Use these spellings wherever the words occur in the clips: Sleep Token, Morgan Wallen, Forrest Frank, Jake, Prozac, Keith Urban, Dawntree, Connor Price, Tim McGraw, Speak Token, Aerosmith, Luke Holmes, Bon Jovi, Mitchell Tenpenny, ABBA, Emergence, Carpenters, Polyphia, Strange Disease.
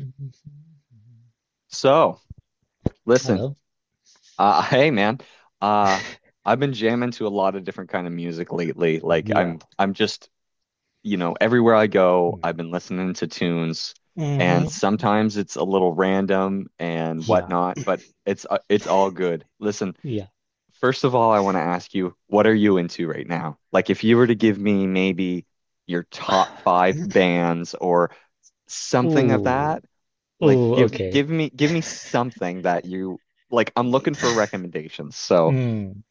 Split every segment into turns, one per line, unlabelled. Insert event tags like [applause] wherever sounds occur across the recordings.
Mm-hmm.
So, listen,
Hello.
[laughs] hey man, uh, I've been jamming to a lot of different kind of music lately. Like
Yeah.
I'm just, everywhere I go, I've been listening to tunes, and
Mm-hmm.
sometimes it's a little random and
Yeah.
whatnot, but it's all good. Listen,
Yeah.
first of all, I want to ask you, what are you into right now? Like, if you were to give me maybe your top
[sighs]
five bands or something of
Ooh.
that. Like
Ooh.
give
Okay.
give me give me something that you like. I'm looking for recommendations. So,
Mm.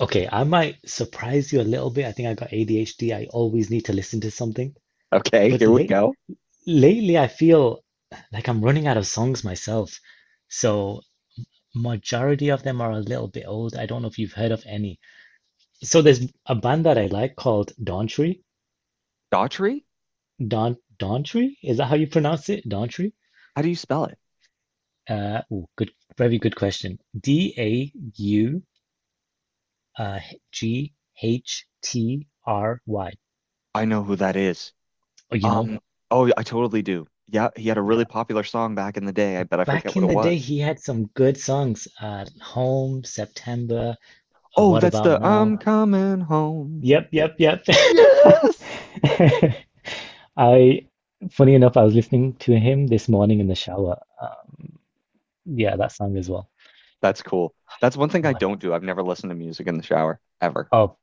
Okay, I might surprise you a little bit. I think I got ADHD. I always need to listen to something.
okay,
But
here we
late
go.
Lately, I feel like I'm running out of songs myself. So majority of them are a little bit old. I don't know if you've heard of any. So there's a band that I like called Dawntree.
Daughtry?
Dawntree? Is that how you pronounce it? Dawntree?
How do you spell it?
Oh, good, very good question. D, a, u, uh, g, h, t, r, y.
I know who that is.
Oh, you know,
Um, oh, I totally do. Yeah, he had a really
yeah.
popular song back in the day. I bet I forget
Back
what
in
it
the day,
was.
he had some good songs. Home, September.
Oh,
What
that's
About
the
Now?
I'm coming home.
Yep, yep, yep. [laughs]
Yes.
I, Funny enough, I was listening to him this morning in the shower. Yeah, that song as well.
That's cool. That's one thing I
What
don't
else?
do. I've never listened to music in the shower ever.
Oh,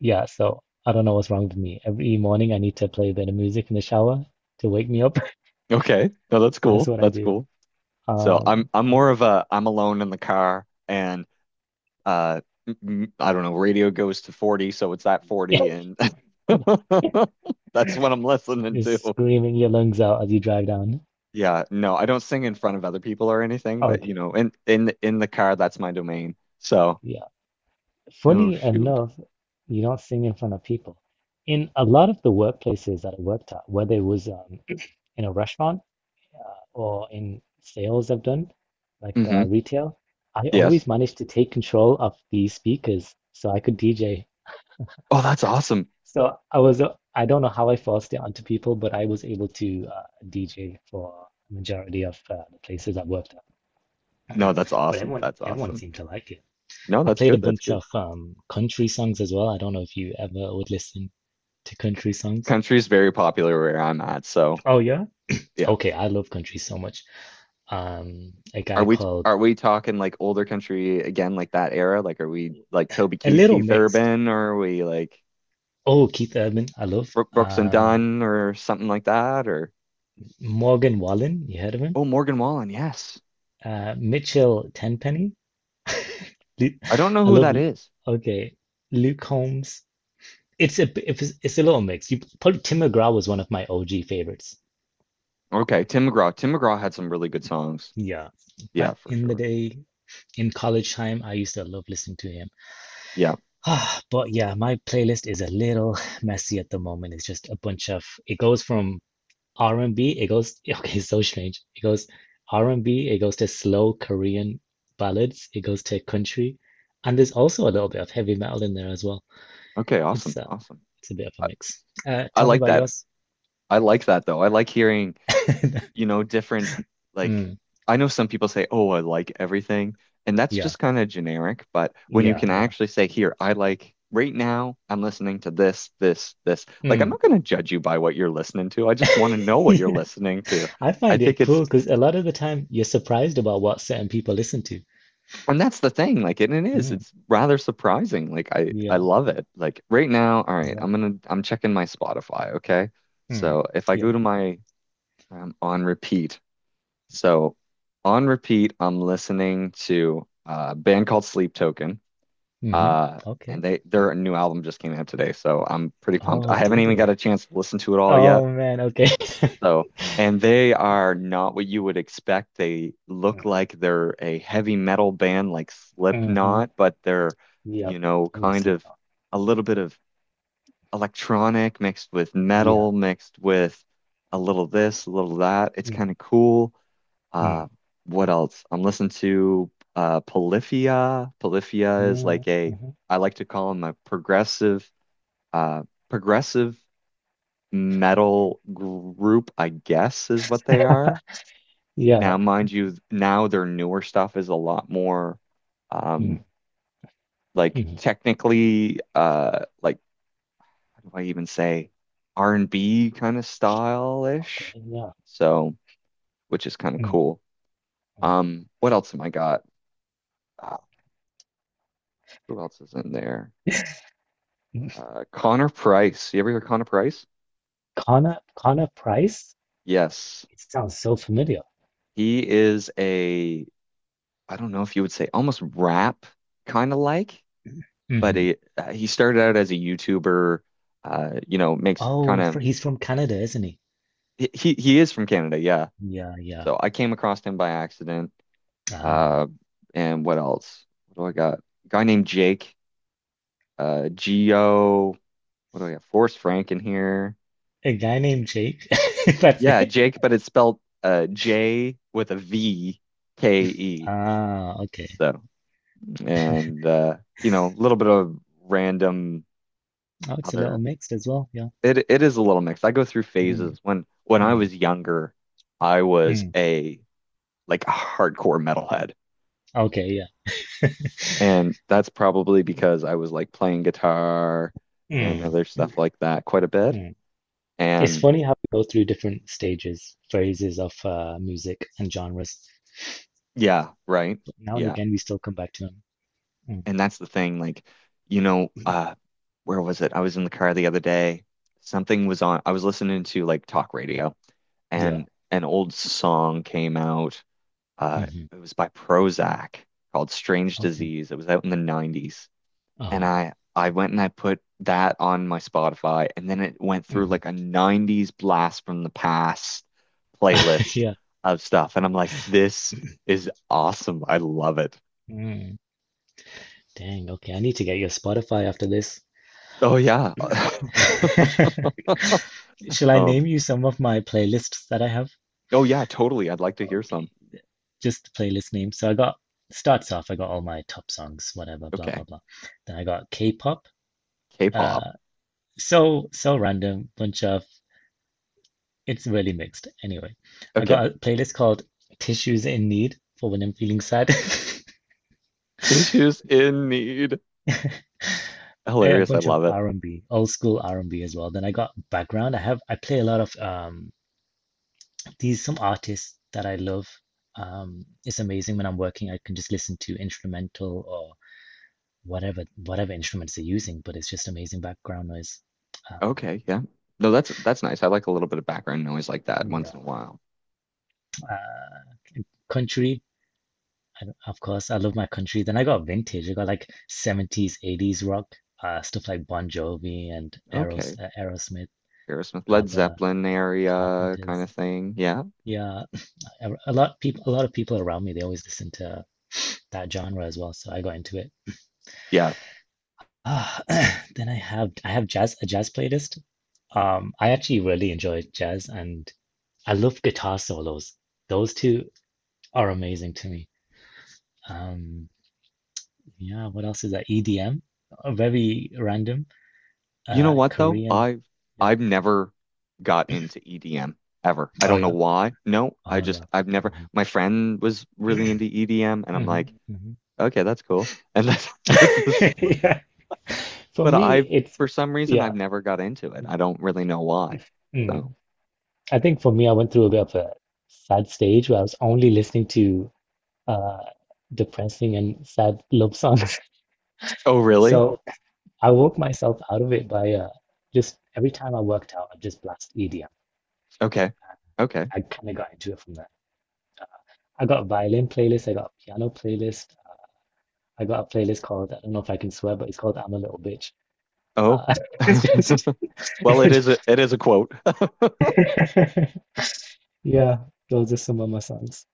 yeah. So I don't know what's wrong with me. Every morning I need to play a bit of music in the shower to wake me up. [laughs]
Okay. No, that's
That's
cool.
what I
That's
do.
cool. So I'm
Um,
I'm
and
more of a, I'm alone in the car and uh I don't know, radio goes to 40, so it's that 40 and
[laughs] yeah,
[laughs] that's what I'm listening
just
to.
screaming your lungs out as you drive down.
Yeah, no, I don't sing in front of other people or anything, but you
Okay,
know, in the car, that's my domain. So,
yeah.
oh
Funny
shoot.
enough, you don't sing in front of people. In a lot of the workplaces that I worked at, whether it was [clears throat] in a restaurant uh, or in sales I've done, like
Hmm.
retail, I
Yes.
always managed to take control of the speakers so I could DJ.
Oh, that's awesome.
So I was, I don't know how I forced it onto people, but I was able to DJ for a majority of the places I worked at.
No, that's
But
awesome.
everyone,
That's
everyone
awesome.
seemed to like it.
No,
I
that's
played a
good. That's
bunch
good.
of country songs as well. I don't know if you ever would listen to country songs.
Country is very popular where I'm at, so
Oh yeah?
yeah.
Okay, I love country so much. A
Are
guy
we
called
are we talking like older country again, like that era? Like, are we like Toby
A
Keith,
Little
Keith
Mixed.
Urban, or are we like?
Oh, Keith Urban, I love.
Brooks and Dunn or something like that, or
Morgan Wallen, you heard of him?
oh, Morgan Wallen, yes.
Mitchell Tenpenny. [laughs] Lu-
I don't know
I
who
love,
that is.
okay, Luke Holmes. It's a little mix. You probably Tim McGraw was one of my OG favorites.
Okay, Tim McGraw. Tim McGraw had some really good songs.
Yeah, back
Yeah, for
in the
sure.
day in college time, I used to love listening to him. [sighs]
Yeah.
Ah, but yeah, my playlist is a little [sighs] messy at the moment. It's just a bunch of it goes from R&B, it goes [laughs] okay, it's so strange. It goes R&B, it goes to slow Korean ballads, it goes to country, and there's also a little bit of heavy metal in there as well.
Okay,
It's
awesome.
uh,
Awesome.
it's a bit of a
I,
mix.
I
Tell me
like
about
that.
yours.
I like that though. I like hearing,
[laughs]
you know, different. Like,
Mm,
I know some people say, "Oh, I like everything." And that's
yeah,
just kind of generic, but when you
yeah,
can
yeah.
actually say, "Here, I like, right now I'm listening to this, this, this." Like, I'm
Mm.
not going to judge you by what you're listening to. I just want to know
[laughs]
what you're
Yeah.
listening to.
I
I
find it
think it's,
cool because a lot of the time you're surprised about what certain people listen to.
and that's the thing, like, and it is,
Mm,
it's rather surprising. Like, I
yeah,
love it. Like, right now, all right,
yeah,
I'm checking my Spotify, okay?
mm,
So if I go
yeah.
to my, on repeat. So on repeat, I'm listening to a band called Sleep Token.
Hmm.
Uh,
Okay.
and they, their new album just came out today, so I'm pretty pumped.
Oh,
I haven't
did
even got
it?
a chance to listen to it all yet.
Oh man, okay.
So, and they are not what you would expect. They look like
[laughs]
they're a heavy metal band like
Mm-hmm.
Slipknot, but they're,
Yeah. Oh,
kind
slip.
of a little bit of electronic mixed with
Yeah.
metal, mixed with a little
Cool.
this, a little that. It's kind
Mm,
of cool.
mm,
Uh, what else? I'm listening to Polyphia. Polyphia is
mm,
like a,
hmm.
I like to call them a uh, progressive metal group, I guess, is what they are. Now,
Yeah.
mind you, now their newer stuff is a lot more
Mm,
um like
hmm.
technically like, how do I even say, R&B kind of style-ish.
Okay. Yeah.
So, which is kind of
Mm,
cool. What else am I got? Uh, who else is in there?
mm.
Connor Price. You ever hear Connor Price?
Connor Price?
Yes.
It sounds so familiar.
He is a, I don't know if you would say almost rap kind of, like, but
Hmm.
he started out as a YouTuber, you know, makes
Oh,
kind of,
he's from Canada, isn't he?
he is from Canada, yeah.
Yeah, yeah.
So I came across him by accident.
Ah,
Uh, and what else? What do I got? A guy named Jake, Geo. What do I got? Forrest Frank in here.
a guy named Jake. [laughs] That's
Yeah,
it.
Jake, but it's spelled J with a VKE.
Ah, okay.
So and a little bit of random
Oh, it's a little
other.
mixed as well. Yeah.
It is a little mixed. I go through
Mm,
phases. When I
mm,
was younger, I was
mm.
a like a hardcore metalhead.
Okay, yeah.
And that's probably because I was, like, playing guitar and
Mm,
other stuff like that quite a bit.
mm. It's
And
funny how we go through different stages, phases of music and genres,
yeah, right.
but now and
Yeah.
again we still come back to them. Mm,
And that's the thing, like, you know, where was it? I was in the car the other day. Something was on. I was listening to, like, talk radio
yeah.
and an old song came out. Uh,
Hmm.
it was by Prozac called Strange
Okay.
Disease. It was out in the 90s. And
Uh-huh.
I went and I put that on my Spotify, and then it went through
Hmm.
like a 90s blast from the past
[laughs]
playlist
Yeah.
of stuff. And I'm like, this is awesome. I love it.
Mm. Dang. Okay. I need to get your Spotify after this.
Oh yeah. [laughs]
[laughs] Shall I name
Um,
you some of my playlists that I have?
oh yeah, totally. I'd like to hear some.
Just the playlist names. So I got starts off, I got all my top songs, whatever, blah blah
Okay.
blah. Then I got K-pop.
K-pop.
Uh, so random, bunch of it's really mixed. Anyway, I
Okay.
got a playlist called Tissues in Need for when I'm feeling sad. [laughs]
Tissues in need.
A
Hilarious. I
bunch of
love it.
R&B, old school R&B as well. Then I got background. I play a lot of these some artists that I love. It's amazing when I'm working, I can just listen to instrumental or whatever instruments they're using, but it's just amazing background noise. Um,
Okay, yeah. No, that's nice. I like a little bit of background noise like that
you
once in a while.
uh, country, of course, I love my country. Then I got vintage. I got like 70s, 80s rock, stuff like Bon Jovi and
Okay.
Aerosmith,
Aerosmith, Led
ABBA,
Zeppelin area kind
Carpenters.
of thing. Yeah.
Yeah, a lot of people around me, they always listen to that genre as well. So I got into it.
Yeah.
Ah, [clears throat] then I have jazz a jazz playlist. I actually really enjoy jazz, and I love guitar solos. Those two are amazing to me. Um, yeah, what else is that? EDM, uh, very random.
You know what though?
Korean.
I've
Yep.
I've never got into EDM ever. I
Oh
don't know
yeah.
why. No, I
Oh yeah.
just, I've never,
Hmm.
my friend was really into EDM and I'm like,
Hmm. Hmm.
okay, that's cool. And that's, [laughs] that's this,
[laughs] Yeah. For
but I,
me, it's
for some reason,
yeah.
I've never got into it. I don't really know why. So,
Mm. I think for me, I went through a bit of a sad stage where I was only listening to uh, depressing and sad love songs.
oh
[laughs]
really?
So I woke myself out of it by just every time I worked out, I just blast EDM.
Okay. Okay.
I kind of got into it from that. I got a violin playlist, I got a piano playlist, I got a playlist called, I don't know if I can swear, but it's called I'm a Little Bitch.
Oh.
Uh, [laughs] it's just,
[laughs] Well, it is a, it is a quote.
[laughs] yeah, those are some of my songs.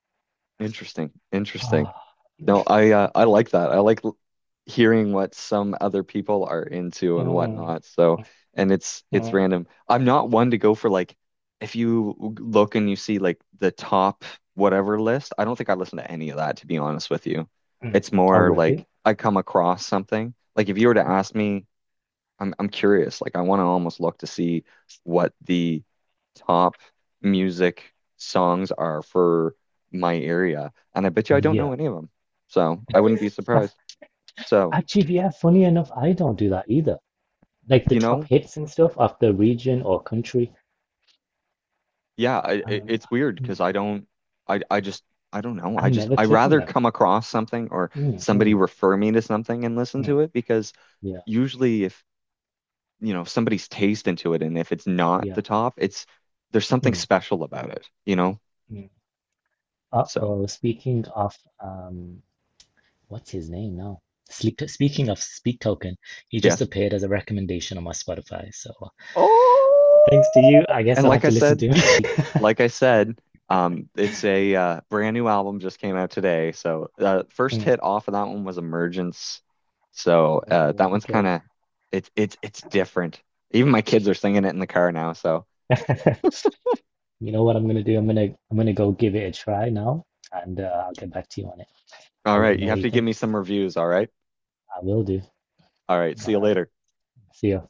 Interesting. Interesting.
Ah, mm,
No, I like that. I like hearing what some other people are into and
mm,
whatnot. So, and it's random. I'm not one to go for, like, if you look and you see like the top whatever list, I don't think I listen to any of that, to be honest with you.
mm.
It's
Oh,
more
really?
like I come across something. Like, if you were to
Ah,
ask me, I'm curious. Like, I want to almost look to see what the top music songs are for my area, and I bet you I don't know
yeah.
any of them. So I wouldn't be surprised.
[laughs]
So,
Actually, yeah, funny enough, I don't do that either. Like the
you
top
know,
hits and stuff of the region or country,
yeah,
um,
it's weird because
mm,
I don't, I just, I don't know.
I
I just,
never
I
click on
rather
them.
come across something or
Mm,
somebody
mm,
refer me to something and listen
mm.
to it, because
Yeah,
usually if you know somebody's taste into it and if it's not
yeah.
the top, it's, there's something
Mm,
special about it, you know.
mm.
So.
Uh-oh, speaking of um what's his name now? Sleep speaking of Speak Token, he just
Yes.
appeared as a recommendation on my Spotify. So
Oh,
thanks to you, I guess
and
I'll have to listen to him. [laughs]
like I said, it's a brand new album just came out today. So the first
Mm,
hit off of that one was Emergence. So that one's kind
okay.
of, it's different. Even my kids are singing it in the car now. So
[laughs] You know what I'm gonna do? I'm gonna go give it a try now and I'll get back to you on it.
all
I'll let you
right, you
know what
have
you
to give
think.
me some reviews. All right,
I will do.
all right.
All
See you
right.
later.
See ya.